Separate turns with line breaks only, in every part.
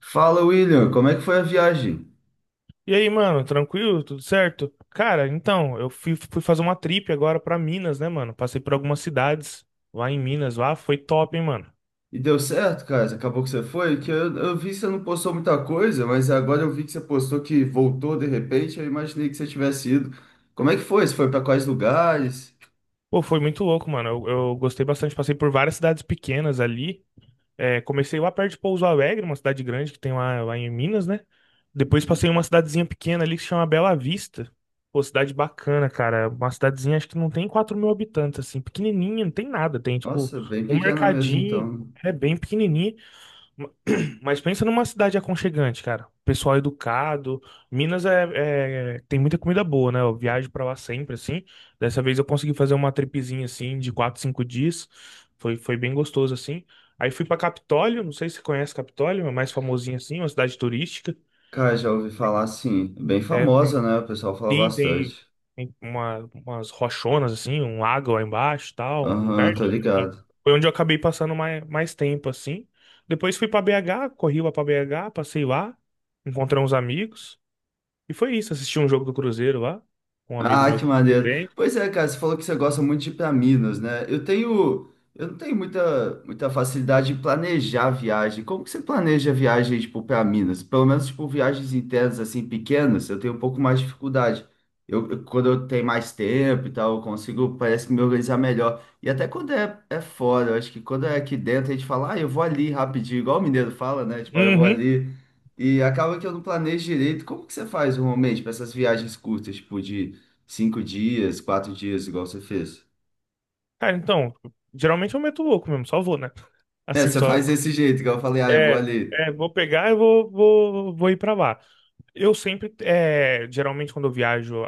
Fala, William, como é que foi a viagem?
E aí, mano, tranquilo? Tudo certo? Cara, então, eu fui fazer uma trip agora pra Minas, né, mano? Passei por algumas cidades lá em Minas, lá foi top, hein, mano?
E deu certo, cara? Acabou que você foi? Que eu vi que você não postou muita coisa, mas agora eu vi que você postou que voltou de repente. Eu imaginei que você tivesse ido. Como é que foi? Você foi para quais lugares?
Pô, foi muito louco, mano. Eu gostei bastante. Passei por várias cidades pequenas ali. É, comecei lá perto de Pouso Alegre, uma cidade grande que tem lá, em Minas, né? Depois passei
Uhum.
em uma cidadezinha pequena ali que se chama Bela Vista. Pô, cidade bacana, cara. Uma cidadezinha, acho que não tem 4.000 habitantes, assim. Pequenininha, não tem nada. Tem, tipo,
Nossa, bem
um
pequena mesmo,
mercadinho.
então.
É bem pequenininho. Mas pensa numa cidade aconchegante, cara. Pessoal educado. Minas tem muita comida boa, né? Eu viajo pra lá sempre, assim. Dessa vez eu consegui fazer uma tripezinha, assim, de quatro, cinco dias. Foi bem gostoso, assim. Aí fui pra Capitólio, não sei se você conhece Capitólio, é mais famosinha, assim, uma cidade turística.
Cara, já ouvi falar assim, bem
É, tem
famosa, né? O pessoal fala
sim,
bastante.
umas rochonas, assim, um lago lá embaixo e tal, um lugar
Aham, tô
lindo, assim.
ligado.
Foi onde eu acabei passando mais tempo, assim. Depois fui pra BH, corri lá pra BH, passei lá, encontrei uns amigos. E foi isso, assisti um jogo do Cruzeiro lá, com um amigo
Ah,
meu
que
que é
maneiro.
grande.
Pois é, cara, você falou que você gosta muito de ir para Minas, né? Eu não tenho muita facilidade de planejar a viagem. Como que você planeja a viagem, tipo, para Minas? Pelo menos, tipo, viagens internas, assim, pequenas, eu tenho um pouco mais de dificuldade. Quando eu tenho mais tempo e tal, eu consigo, parece que me organizar melhor. E até quando é fora, eu acho que quando é aqui dentro, a gente fala, ah, eu vou ali rapidinho, igual o mineiro fala, né? Tipo, ah, eu vou
Uhum.
ali. E acaba que eu não planejo direito. Como que você faz normalmente para essas viagens curtas, tipo, de cinco dias, quatro dias, igual você fez.
Cara, então, geralmente eu meto o louco mesmo, só vou, né?
É,
Assim,
você
só.
faz desse jeito, igual eu falei, ah, eu vou
É,
ali.
é, vou pegar e vou ir pra lá. Eu sempre, geralmente quando eu viajo,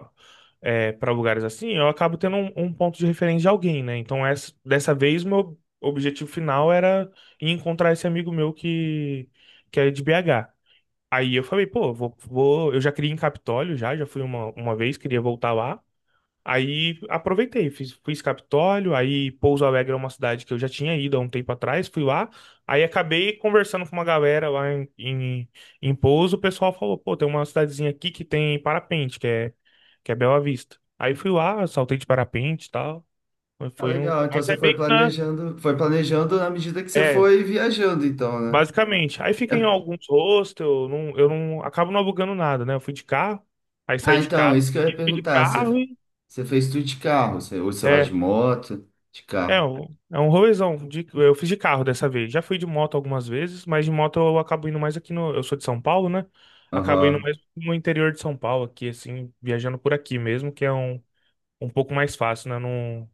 é, para lugares assim, eu acabo tendo um ponto de referência de alguém, né? Então dessa vez meu objetivo final era ir encontrar esse amigo meu que é de BH. Aí eu falei, pô, eu já queria ir em Capitólio, já fui uma vez, queria voltar lá. Aí aproveitei, fiz Capitólio, aí Pouso Alegre é uma cidade que eu já tinha ido há um tempo atrás, fui lá, aí acabei conversando com uma galera lá em Pouso, o pessoal falou, pô, tem uma cidadezinha aqui que tem parapente, que é Bela Vista. Aí fui lá, saltei de parapente e tal, mas
Ah,
foi um.
legal. Então
Mas é
você
meio que na.
foi planejando na medida que você
É,
foi viajando, então, né?
basicamente. Aí
É-
fiquei em alguns hostels, não, eu não. Acabo não alugando nada, né? Eu fui de carro, aí
Ah,
saí de
então,
casa,
isso que eu ia
fui de
perguntar.
carro
Você,
e.
você fez tudo de carro? Você, ou você vai de
É,
moto, de
É,
carro?
É um rolezão. Eu fiz de carro dessa vez. Já fui de moto algumas vezes, mas de moto eu acabo indo mais aqui no. Eu sou de São Paulo, né? Acabo indo
Aham.
mais no interior de São Paulo, aqui, assim, viajando por aqui mesmo, que é um pouco mais fácil, né? Não,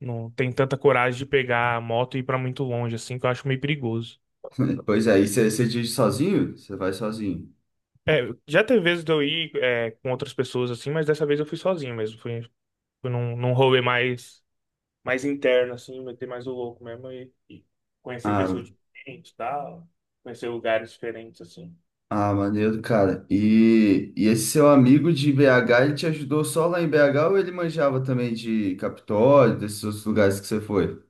não tem tanta coragem de pegar a moto e ir pra muito longe, assim, que eu acho meio perigoso.
Pois é, e você, você dirige sozinho? Você vai sozinho.
É, já teve vezes de eu ir, com outras pessoas, assim, mas dessa vez eu fui sozinho mesmo. Fui num rolê mais interno, assim, meter mais o louco mesmo e conhecer
Ah,
pessoas diferentes, tal, conhecer lugares diferentes, assim.
Ah, maneiro, cara. E esse seu amigo de BH, ele te ajudou só lá em BH ou ele manjava também de Capitólio, desses outros lugares que você foi?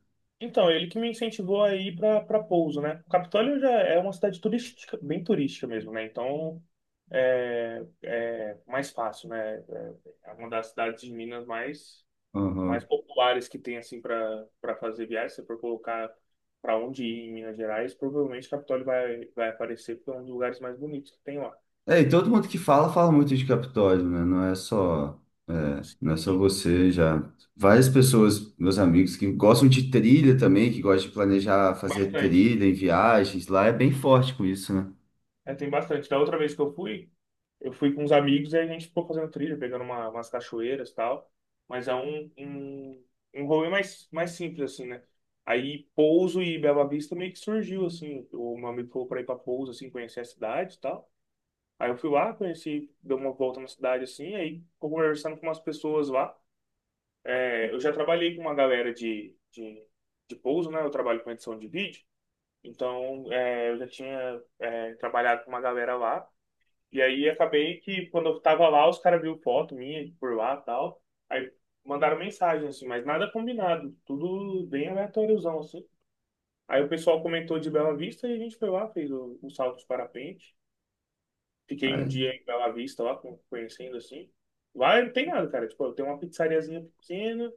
Então, ele que me incentivou a ir para Pouso, né? O Capitólio já é uma cidade turística, bem turística mesmo, né? Então, é mais fácil, né? É uma das cidades de Minas, mais
Aham.
populares que tem, assim, para fazer viagem. Se você for colocar para onde ir em Minas Gerais, provavelmente Capitólio vai aparecer porque é um dos lugares mais bonitos que tem lá.
É, e todo mundo que fala, fala muito de Capitólio, né? É, não é só
Sim,
você, já. Várias pessoas, meus amigos, que gostam de trilha também, que gostam de planejar fazer
bastante.
trilha em viagens, lá é bem forte com isso, né?
É, tem bastante. Da outra vez que eu fui com uns amigos e a gente ficou fazendo trilha, pegando umas cachoeiras e tal. Mas é um rolê mais simples, assim, né? Aí Pouso e Bela Vista meio que surgiu, assim. O meu amigo falou pra ir pra Pouso, assim, conhecer a cidade e tal. Aí eu fui lá, conheci, dei uma volta na cidade, assim. Aí ficou conversando com umas pessoas lá. É, eu já trabalhei com uma galera de Pouso, né? Eu trabalho com edição de vídeo. Então, eu já tinha, trabalhado com uma galera lá. E aí acabei que quando eu tava lá, os caras viram foto minha por lá e tal. Aí mandaram mensagem, assim, mas nada combinado. Tudo bem aleatóriozão, assim. Aí o pessoal comentou de Bela Vista e a gente foi lá, fez o salto de parapente. Fiquei um dia em Bela Vista lá, conhecendo assim. Lá não tem nada, cara. Tipo, tem uma pizzariazinha pequena,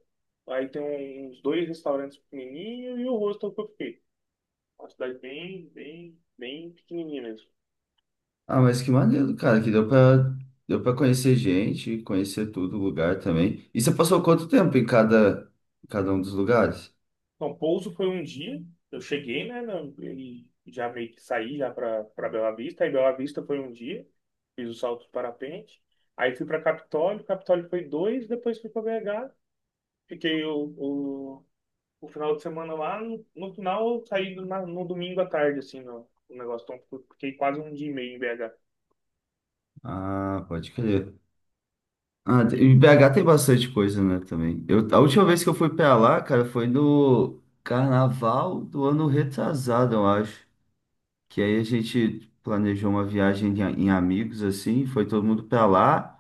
aí tem uns dois restaurantes pequenininhos e o hostel que eu fiquei. Uma cidade bem, bem, bem pequenininha mesmo.
Ah, mas que maneiro, cara, deu pra conhecer gente, conhecer tudo, o lugar também. E você passou quanto tempo em em cada um dos lugares?
Então, Pouso foi um dia, eu cheguei, né, e já meio que saí já para Bela Vista, aí Bela Vista foi um dia, fiz o salto de parapente, aí fui para Capitólio, Capitólio foi dois, depois fui para BH, fiquei o final de semana lá, no final eu saí no domingo à tarde, assim, no negócio, então eu fiquei quase um dia e meio em BH.
Ah, pode crer. Ah, te- em BH tem bastante coisa, né, também. Eu, a última
É,
vez que eu fui pra lá, cara, foi no carnaval do ano retrasado, eu acho. Que aí a gente planejou uma viagem em, a- em amigos, assim, foi todo mundo pra lá.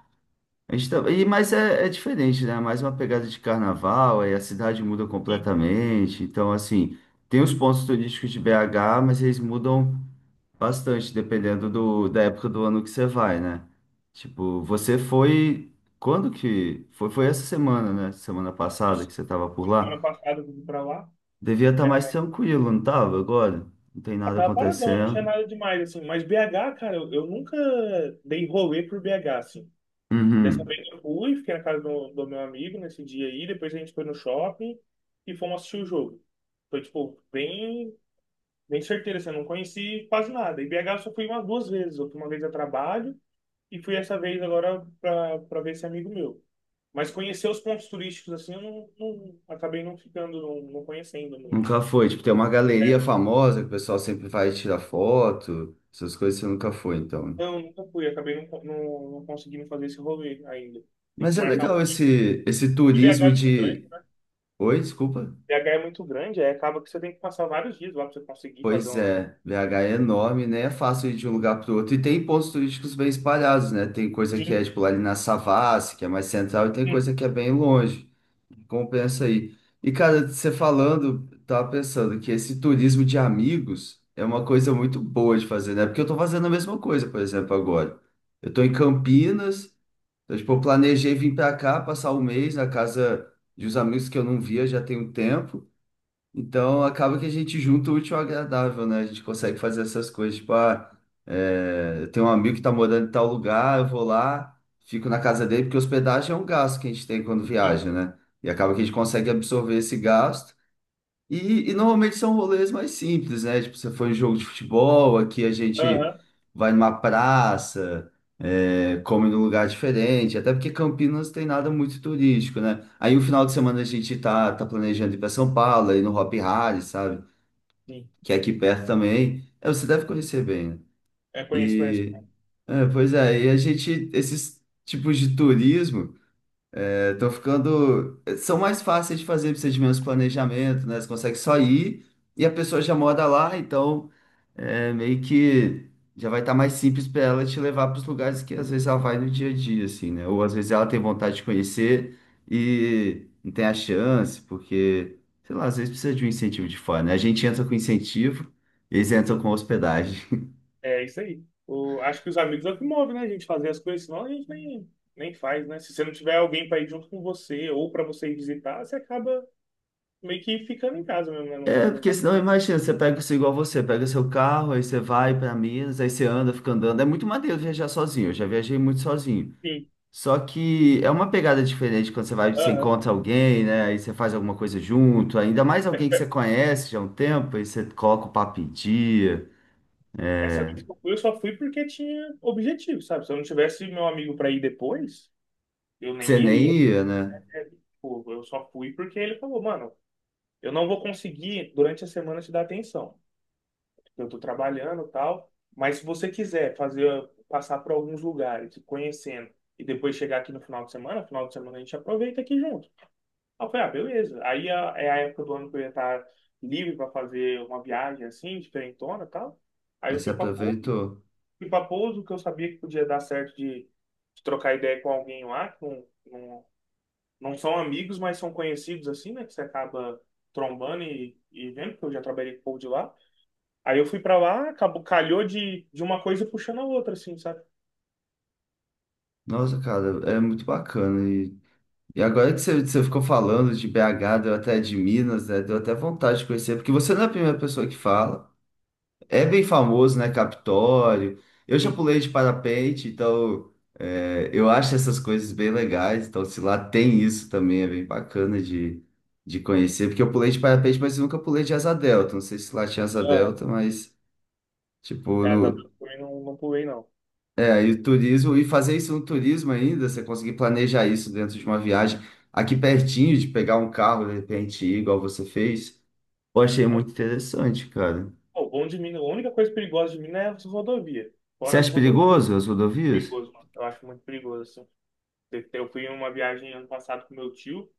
A gente tá- mas é diferente, né? Mais uma pegada de carnaval, aí a cidade muda
e
completamente. Então, assim, tem os pontos turísticos de BH, mas eles mudam bastante, dependendo da época do ano que você vai, né? Tipo, você foi. Quando que. Foi, foi essa semana, né? Semana passada
isso,
que você tava por
foi semana
lá.
passada eu fui para lá,
Devia estar mais tranquilo, não tava? Agora? Não tem nada
tava paradão, não tinha
acontecendo.
nada demais, assim, mas BH, cara, eu nunca dei rolê por BH, assim. Dessa
Uhum.
vez eu fui, fiquei na casa do meu amigo nesse dia aí, depois a gente foi no shopping e fomos assistir o jogo. Foi, tipo, bem, bem certeiro, assim, eu não conheci quase nada. E BH eu só fui umas duas vezes, eu fui uma vez a trabalho e fui essa vez agora pra ver esse amigo meu. Mas conhecer os pontos turísticos, assim, eu acabei não ficando, não conhecendo muito.
Nunca foi. Tipo, tem uma galeria
É,
famosa que o pessoal sempre vai tirar foto, essas coisas você nunca foi, então.
não, nunca fui, acabei não conseguindo fazer esse rolê ainda. Tem
Mas
que
é
marcar
legal
um dia.
esse
E BH
turismo
é muito
de.
grande.
Oi, desculpa.
BH é muito grande, aí acaba que você tem que passar vários dias lá pra você conseguir fazer
Pois
um.
é, BH é enorme, né? É fácil ir de um lugar para outro. E tem pontos turísticos bem espalhados, né? Tem coisa que é,
Sim,
tipo, lá ali na Savassi, que é mais central, e tem
sim,
coisa que é bem longe. Compensa aí. E, cara, você falando, tava pensando que esse turismo de amigos é uma coisa muito boa de fazer, né? Porque eu tô fazendo a mesma coisa, por exemplo, agora. Eu tô em Campinas, então, tipo, eu planejei vir pra cá, passar um mês na casa de uns amigos que eu não via já tem um tempo. Então acaba que a gente junta o útil ao agradável, né? A gente consegue fazer essas coisas. Tipo, ah, é, eu tenho um amigo que tá morando em tal lugar, eu vou lá, fico na casa dele, porque hospedagem é um gasto que a gente tem quando
sim.
viaja, né? E acaba que a gente consegue absorver esse gasto. E normalmente são rolês mais simples, né? Tipo, você foi em jogo de futebol, aqui a gente
Aham,
vai numa praça, é, come num lugar diferente, até porque Campinas tem nada muito turístico, né? Aí o final de semana a gente tá planejando ir para São Paulo, aí no Hopi Hari, sabe?
sim.
Que é aqui perto também. É, você deve conhecer bem, né?
É, conheço, conheço.
E, é, pois é, e a gente, esses tipos de turismo. É, tô ficando. São mais fáceis de fazer procedimentos de planejamento, né? Você consegue só ir e a pessoa já mora lá, então é, meio que já vai estar mais simples para ela te levar para os lugares que às vezes ela vai no dia a dia, assim, né? Ou às vezes ela tem vontade de conhecer e não tem a chance, porque, sei lá, às vezes precisa de um incentivo de fora, né? A gente entra com incentivo, eles entram com hospedagem.
É isso aí. Acho que os amigos é o que move, né? A gente fazer as coisas, senão a gente nem faz, né? Se você não tiver alguém pra ir junto com você ou pra você ir visitar, você acaba meio que ficando em casa mesmo, né? Não,
É,
não
porque
vai.
senão, imagina, você pega isso igual você, pega seu carro, aí você vai para Minas, aí você anda, fica andando. É muito maneiro viajar sozinho, eu já viajei muito sozinho.
Sim,
Só que é uma pegada diferente quando você vai, você
aham.
encontra alguém, né? Aí você faz alguma coisa junto, ainda mais
É,
alguém
tipo,
que você conhece já há um tempo, aí você coloca o papo em dia,
essa
é,
vez que eu fui, eu só fui porque tinha objetivo, sabe? Se eu não tivesse meu amigo pra ir depois, eu
que você
nem
nem
iria.
ia, né?
Né? Tipo, eu só fui porque ele falou, mano, eu não vou conseguir durante a semana te dar atenção, porque eu estou trabalhando e tal, mas se você quiser fazer passar por alguns lugares, ir conhecendo e depois chegar aqui no final de semana a gente aproveita aqui junto. Aí eu falei, ah, beleza. Aí é a época do ano que eu ia estar livre para fazer uma viagem assim, diferentona e tal. Aí
Aí
eu
você
fui para Pouso,
aproveitou.
fui para Pouso, que eu sabia que podia dar certo de trocar ideia com alguém lá, não são amigos, mas são conhecidos assim, né? Que você acaba trombando e vendo, porque eu já trabalhei com o de lá. Aí eu fui pra lá, acabou, calhou de uma coisa puxando a outra, assim, sabe?
Nossa, cara, é muito bacana. E agora que você, você ficou falando de BH, deu até de Minas, né? Deu até vontade de conhecer, porque você não é a primeira pessoa que fala. É bem famoso, né? Capitólio. Eu já
Sim.
pulei de parapente, então é, eu acho essas coisas bem legais. Então, se lá tem isso também, é bem bacana de conhecer. Porque eu pulei de parapente, mas eu nunca pulei de asa delta. Não sei se lá tinha asa
Aham.
delta, mas, tipo,
É, tá,
no.
também não pulei, não.
É, aí o turismo, e fazer isso no turismo ainda, você conseguir planejar isso dentro de uma viagem aqui pertinho, de pegar um carro, de repente, ir igual você fez, eu achei
É, pô,
muito interessante, cara.
o bom de Minas, a única coisa perigosa de Minas é as rodovias.
Você
Fora as
acha
rodovias,
perigoso as rodovias?
perigoso, mano. Eu acho muito perigoso, assim. Eu fui em uma viagem ano passado com meu tio,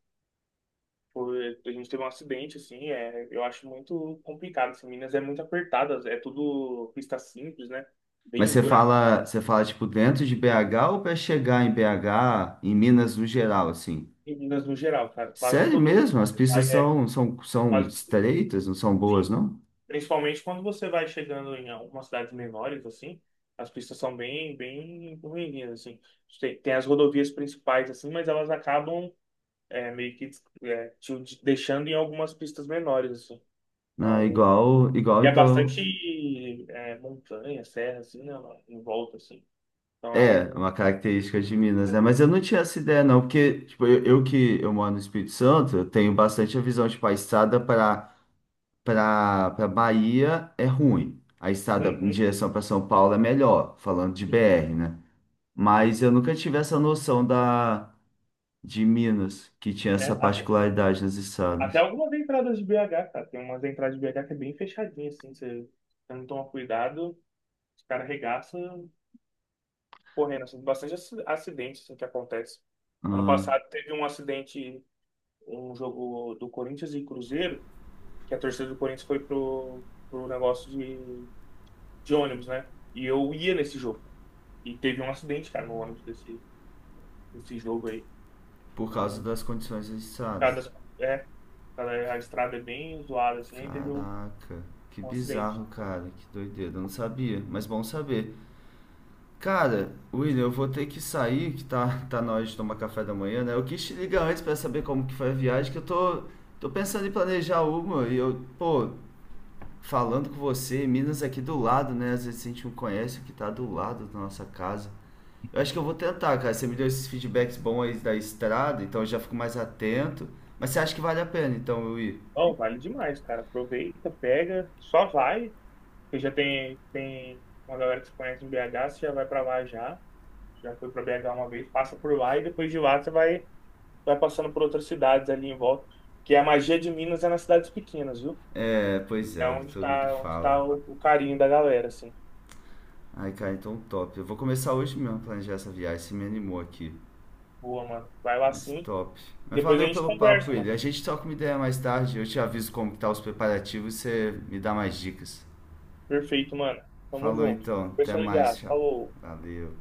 a gente teve um acidente, assim, eu acho muito complicado, assim, Minas é muito apertada, é tudo pista simples, né? Bem
Mas
esburacada.
você fala tipo dentro de BH ou para chegar em BH, em Minas no geral, assim?
Meninas no geral, cara. Quase
Sério
todo.
mesmo? As
É,
são
quase, tudo.
estreitas, não são boas,
Sim.
não?
Principalmente quando você vai chegando em algumas cidades menores, assim, as pistas são bem, bem ruinzinhas, assim. Tem as rodovias principais, assim, mas elas acabam, meio que, te deixando em algumas pistas menores, assim.
Não,
Então,
igual
e é
então.
bastante, montanha, serra, assim, né, em volta, assim. Então é
É,
um.
uma característica de Minas, né? Mas eu não tinha essa ideia, não, porque tipo, eu que eu moro no Espírito Santo, eu tenho bastante a visão, tipo, a estrada para Bahia é ruim. A estrada em
Uhum.
direção para São Paulo é melhor, falando de
Sim.
BR, né? Mas eu nunca tive essa noção da de Minas, que tinha
É,
essa
a
particularidade nas
até
estradas.
algumas entradas de BH, cara. Tem umas entradas de BH que é bem fechadinha, assim. Você não toma cuidado, os caras arregaçam correndo. Assim, bastante acidente assim, que acontece. Ano
Ah,
passado teve um acidente, um jogo do Corinthians e Cruzeiro, que a torcida do Corinthians foi pro negócio de ônibus, né? E eu ia nesse jogo. E teve um acidente, cara, no ônibus desse jogo aí.
por causa
Então,
das condições da estrada.
cada, é, cada, a estrada é bem zoada, assim, aí teve um,
Caraca, que
um acidente.
bizarro, cara, que doideira. Eu não sabia, mas bom saber. Cara, William, eu vou ter que sair, que tá na hora de tomar café da manhã, né? Eu quis te ligar antes pra saber como que foi a viagem, que eu tô pensando em planejar uma e eu, pô, falando com você, Minas aqui do lado, né? Às vezes a gente não conhece o que tá do lado da nossa casa. Eu acho que eu vou tentar, cara. Você me deu esses feedbacks bons aí da estrada, então eu já fico mais atento. Mas você acha que vale a pena, então, eu ir?
Não, vale demais, cara. Aproveita, pega, só vai. Você já tem uma galera que se conhece em BH, você já vai pra lá já. Já foi pra BH uma vez, passa por lá e depois de lá você vai passando por outras cidades ali em volta. Que a magia de Minas é nas cidades pequenas, viu?
É, pois
É
é, o que
onde
todo mundo
tá, onde
fala.
tá o carinho da galera, assim.
Ai, cara, então top. Eu vou começar hoje mesmo a planejar essa viagem, você me animou aqui.
Boa, mano. Vai lá
Mas
sim.
top. Mas
Depois a
valeu
gente
pelo papo,
conversa, mano.
ele. A gente troca uma ideia mais tarde, eu te aviso como que tá os preparativos e você me dá mais dicas.
Perfeito, mano. Tamo
Falou
junto.
então, até
Pessoal
mais,
ligado.
tchau.
Falou.
Valeu.